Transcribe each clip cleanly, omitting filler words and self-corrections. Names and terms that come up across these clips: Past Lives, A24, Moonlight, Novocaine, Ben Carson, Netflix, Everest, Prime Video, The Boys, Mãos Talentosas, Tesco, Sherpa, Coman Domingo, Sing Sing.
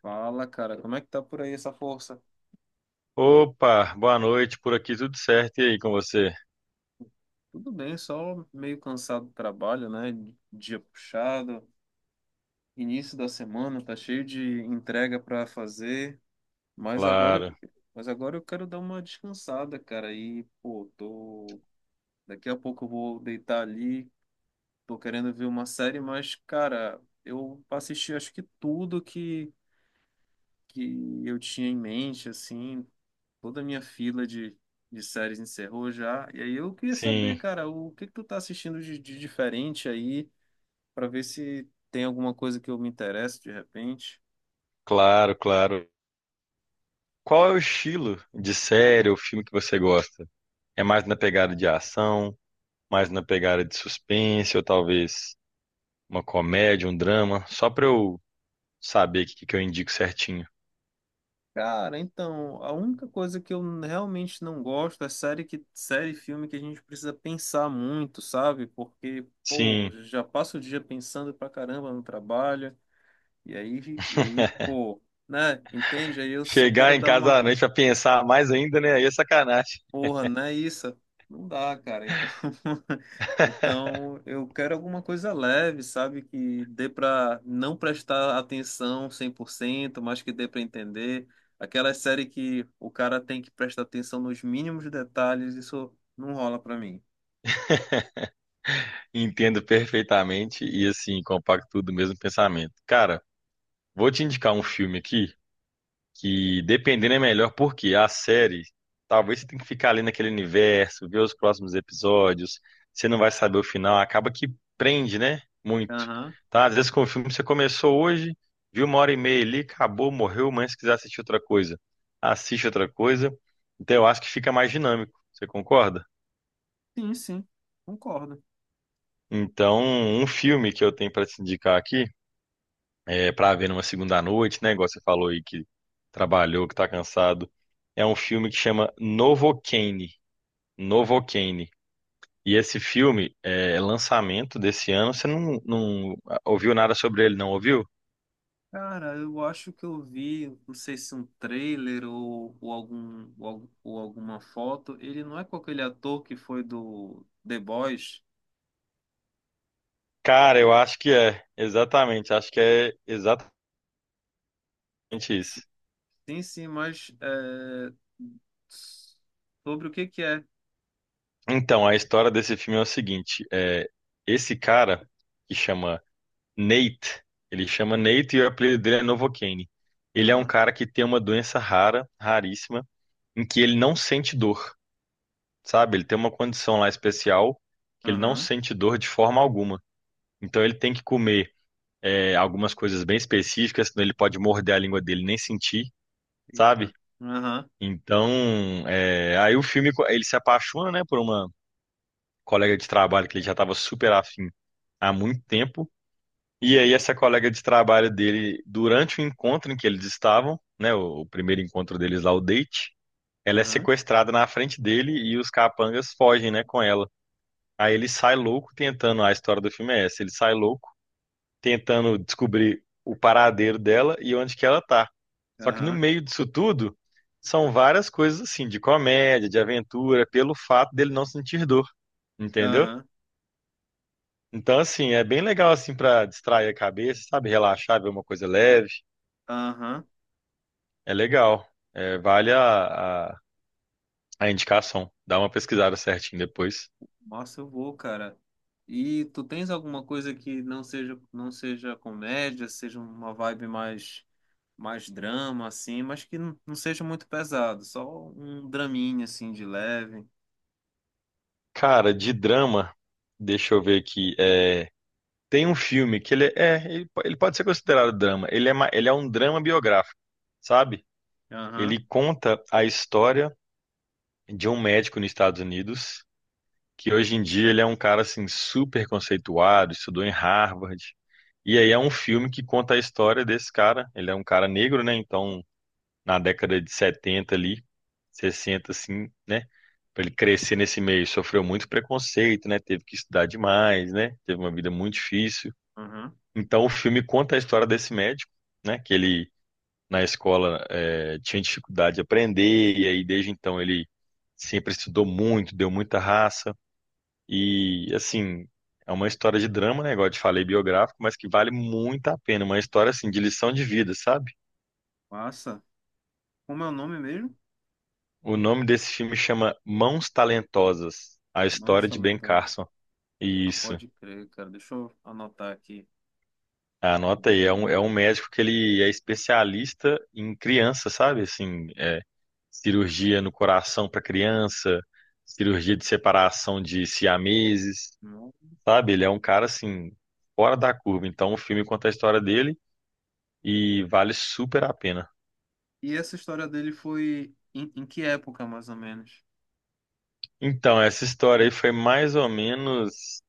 Fala, cara, como é que tá por aí essa força? Opa, boa noite, por aqui tudo certo, e aí com você? Tudo bem, só meio cansado do trabalho, né? Dia puxado, início da semana, tá cheio de entrega pra fazer, mas agora, Claro, mas agora eu quero dar uma descansada, cara. E, pô, tô... Daqui a pouco eu vou deitar ali, tô querendo ver uma série, mas, cara, eu assisti acho que que eu tinha em mente, assim, toda a minha fila de séries encerrou já. E aí eu queria saber, sim, cara, o que que tu tá assistindo de diferente aí, pra ver se tem alguma coisa que eu me interesso de repente. claro, claro. Qual é o estilo de série ou filme que você gosta? É mais na pegada de ação, mais na pegada de suspense, ou talvez uma comédia, um drama, só pra eu saber o que que eu indico certinho. Cara, então, a única coisa que eu realmente não gosto é série e filme que a gente precisa pensar muito, sabe? Porque, pô, Sim, já passa o dia pensando pra caramba no trabalho. E aí, pô, né? Entende? Aí eu só chegar quero em dar casa à uma... noite pra pensar mais ainda, né? Aí é sacanagem. Porra, não é isso? Não dá, cara. Então, então eu quero alguma coisa leve, sabe? Que dê pra não prestar atenção 100%, mas que dê pra entender. Aquela série que o cara tem que prestar atenção nos mínimos detalhes, isso não rola pra mim. Entendo perfeitamente e assim, compacto tudo o mesmo pensamento. Cara, vou te indicar um filme aqui que dependendo é melhor, porque a série, talvez você tenha que ficar ali naquele universo, ver os próximos episódios, você não vai saber o final, acaba que prende, né? Muito. Aham. Tá? Às vezes com o filme você começou hoje, viu uma hora e meia ali, acabou, morreu, mas se quiser assistir outra coisa, assiste outra coisa. Então eu acho que fica mais dinâmico, você concorda? Sim, sim. Concordo. Então, um filme que eu tenho para te indicar aqui para ver numa segunda noite, né? Igual você falou aí que trabalhou, que tá cansado. É um filme que chama Novocaine. Novocaine. E esse filme é lançamento desse ano. Você não ouviu nada sobre ele, não ouviu? Cara, eu acho que eu vi, não sei se um trailer ou algum, ou alguma foto. Ele não é com aquele ator que foi do The Boys? Cara, eu acho que é. Exatamente. Acho que é exatamente isso. Sim, sim, mas é, sobre o que que é? Então, a história desse filme é o seguinte: esse cara que chama Nate, ele chama Nate e o apelido dele é Novocaine. Ele é um Aham, cara que tem uma doença rara, raríssima em que ele não sente dor, sabe? Ele tem uma condição lá especial que ele não aham, sente dor de forma alguma. Então ele tem que comer algumas coisas bem específicas, senão ele pode morder a língua dele e nem sentir, sabe? eita, aham, Então, aí o filme ele se apaixona, né, por uma colega de trabalho que ele já estava super afim há muito tempo. E aí essa colega de trabalho dele, durante o encontro em que eles estavam, né, o primeiro encontro deles lá, o date, ela é aham, sequestrada na frente dele e os capangas fogem, né, com ela. Aí ele sai louco tentando, a história do filme é essa, ele sai louco tentando descobrir o paradeiro dela e onde que ela tá. Só que no aham, meio disso tudo, são várias coisas assim, de comédia, de aventura, pelo fato dele não sentir dor, entendeu? aham, Então assim, é bem legal assim pra distrair a cabeça, sabe, relaxar, ver uma coisa leve, aham. é legal. É, vale a indicação. Dá uma pesquisada certinho depois. Nossa, eu vou, cara. E tu tens alguma coisa que não seja comédia, seja uma vibe mais drama assim, mas que não seja muito pesado, só um draminha assim de leve. Cara, de drama, deixa eu ver aqui, é... Tem um filme que ele pode ser considerado drama. Ele é um drama biográfico, sabe? Aham, Ele conta a história de um médico nos Estados Unidos, que hoje em dia ele é um cara assim super conceituado, estudou em Harvard. E aí é um filme que conta a história desse cara. Ele é um cara negro, né? Então, na década de 70 ali, 60 assim, né? Pra ele crescer nesse meio, sofreu muito preconceito, né? Teve que estudar demais, né? Teve uma vida muito difícil. aham. Então o filme conta a história desse médico, né? Que ele na escola tinha dificuldade de aprender, e aí desde então ele sempre estudou muito, deu muita raça, e assim, é uma história de drama, né? Igual eu te falei, biográfico, mas que vale muito a pena. Uma história assim de lição de vida, sabe? Massa. Como é o nome mesmo? O nome desse filme chama Mãos Talentosas, a Não História está de Ben lento. Carson. Ah, Isso. pode crer, cara. Deixa eu anotar aqui. Anota aí, é um médico que ele é especialista em criança, sabe? Assim, cirurgia no coração para criança, cirurgia de separação de siameses, sabe? Ele é um cara assim fora da curva. Então o filme conta a história dele e vale super a pena. E essa história dele foi em que época, mais ou menos? Então essa história aí foi mais ou menos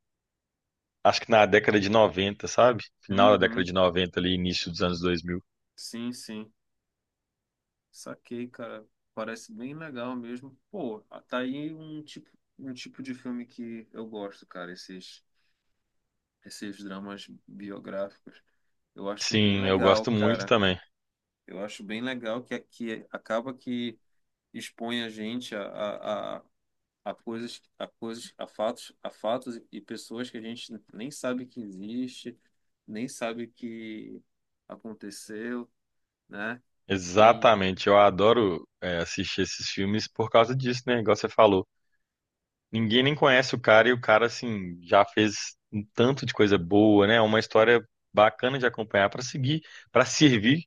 acho que na década de 90, sabe? Final da década Uhum. de 90 ali, início dos anos 2000. Sim, sim. Saquei, cara. Parece bem legal mesmo. Pô, tá aí um tipo, um tipo de filme que eu gosto, cara. Esses dramas biográficos. Eu acho bem Sim, eu legal, gosto muito cara. também. Eu acho bem legal que acaba que expõe a gente a a coisas, a fatos e pessoas que a gente nem sabe que existe, nem sabe que aconteceu, né? E Exatamente, eu adoro assistir esses filmes por causa disso, né? Igual você falou. Ninguém nem conhece o cara e o cara, assim, já fez um tanto de coisa boa, né? É uma história bacana de acompanhar para seguir, para servir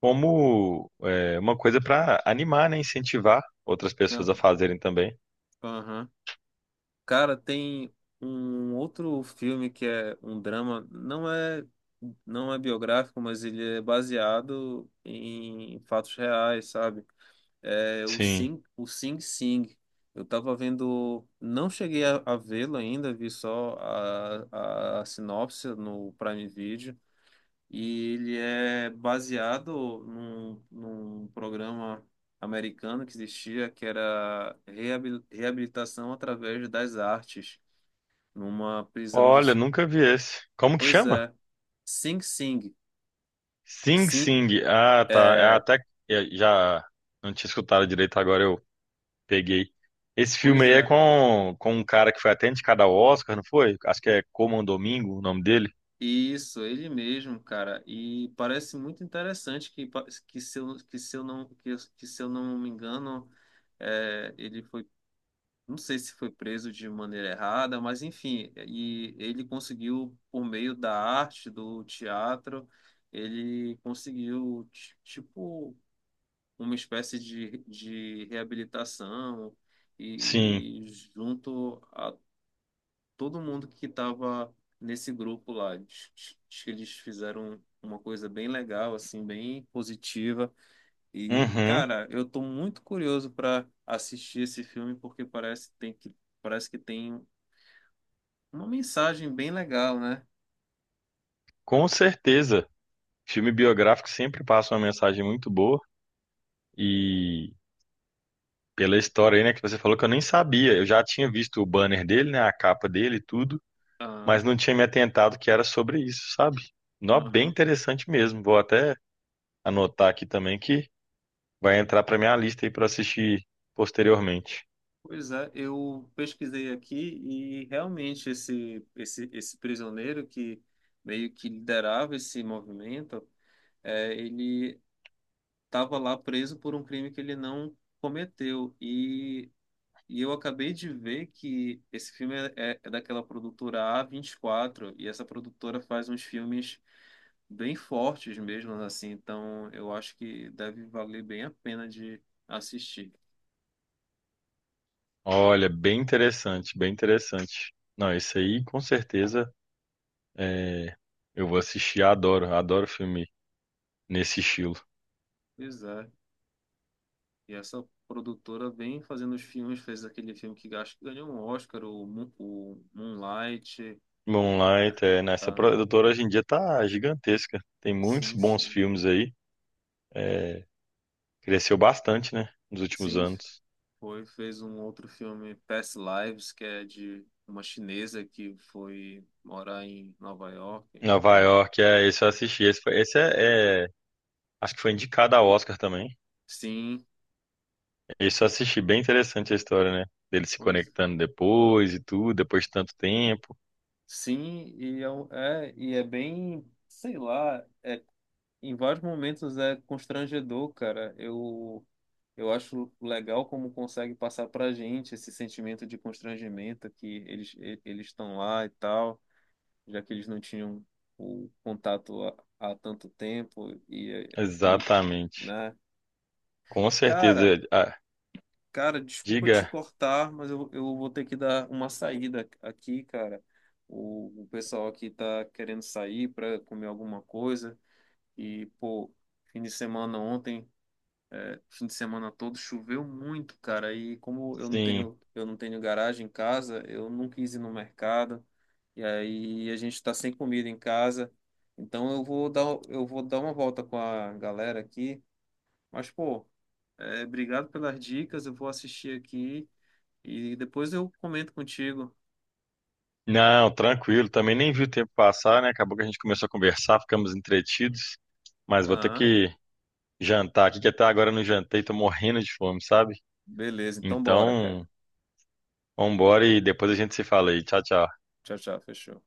como uma coisa para animar, né? Incentivar outras pessoas a aham, fazerem também. aham. Cara, tem um outro filme que é um drama, não é biográfico, mas ele é baseado em fatos reais, sabe? É, o Sim. Sing, o Sing Sing. Eu tava vendo, não cheguei a vê-lo ainda, vi só a sinopse no Prime Video. E ele é baseado num programa americano que existia, que era reabilitação através das artes, numa prisão de... Olha, nunca vi esse. Como que Pois chama? é, Sing Sing. Sing Sim, Sing. Ah, tá. É é, até é, já não tinha escutado direito, agora eu peguei. Esse filme pois aí é é. Com um cara que foi até indicado ao Oscar, não foi? Acho que é Coman Domingo o nome dele. Isso, ele mesmo, cara. E parece muito interessante que, pa- que se eu não, que, eu- que se eu não me engano, é, ele foi, não sei se foi preso de maneira errada, mas enfim, e ele conseguiu, por meio da arte, do teatro, ele conseguiu, tipo, uma espécie de reabilitação Sim. e junto a todo mundo que estava nesse grupo lá. Acho que eles fizeram uma coisa bem legal, assim, bem positiva. E, Uhum. cara, eu tô muito curioso para assistir esse filme porque parece que tem uma mensagem bem legal, né? Com certeza, filme biográfico sempre passa uma mensagem muito boa e pela história aí, né, que você falou que eu nem sabia. Eu já tinha visto o banner dele, né, a capa dele e tudo, mas Aham, não tinha me atentado que era sobre isso, sabe? Nó, bem aham. interessante mesmo. Vou até anotar aqui também que vai entrar para minha lista aí para assistir posteriormente. Pois é, eu pesquisei aqui e realmente esse prisioneiro que meio que liderava esse movimento, é, ele estava lá preso por um crime que ele não cometeu. E eu acabei de ver que esse filme é daquela produtora A24, e quatro, e essa produtora faz uns filmes bem fortes mesmo, assim. Então eu acho que deve valer bem a pena de assistir. Olha, bem interessante, bem interessante. Não, esse aí com certeza é, eu vou assistir, adoro, adoro filme nesse estilo. Pois é. E essa produtora vem fazendo os filmes, fez aquele filme que acho que ganhou um Oscar, o Moonlight. É, Moonlight, é, né? Essa ah, produtora hoje em dia tá gigantesca. Tem muitos sim, bons sim. filmes aí. É, cresceu bastante, né? Nos últimos Sim, anos. foi, fez um outro filme, Past Lives, que é de uma chinesa que foi morar em Nova York. Mas Nova enfim. York, é, esse eu assisti. Esse acho que foi indicado ao Oscar também. Sim, Esse eu assisti, bem interessante a história, né? Dele se pois. conectando depois e tudo, depois de tanto tempo. Sim, e é bem, sei lá, é, em vários momentos é constrangedor, cara. Eu acho legal como consegue passar pra gente esse sentimento de constrangimento que eles estão lá e tal. Já que eles não tinham o contato há tanto tempo e, Exatamente. né? Com certeza. Cara, Ah, cara, desculpa te diga, cortar, mas eu vou ter que dar uma saída aqui, cara. O pessoal aqui tá querendo sair para comer alguma coisa e, pô, fim de semana ontem, é, fim de semana todo choveu muito, cara. E como sim. Eu não tenho garagem em casa, eu não quis ir no mercado. E aí a gente está sem comida em casa. Então eu vou dar, eu vou dar uma volta com a galera aqui. Mas, pô, é, obrigado pelas dicas. Eu vou assistir aqui e depois eu comento contigo. Não, tranquilo. Também nem vi o tempo passar, né? Acabou que a gente começou a conversar, ficamos entretidos. Mas vou ter Ah, que jantar aqui, que até agora eu não jantei, tô morrendo de fome, sabe? beleza. Então bora, cara. Então, vambora e depois a gente se fala aí. Tchau, tchau. Tchau, tchau. Fechou.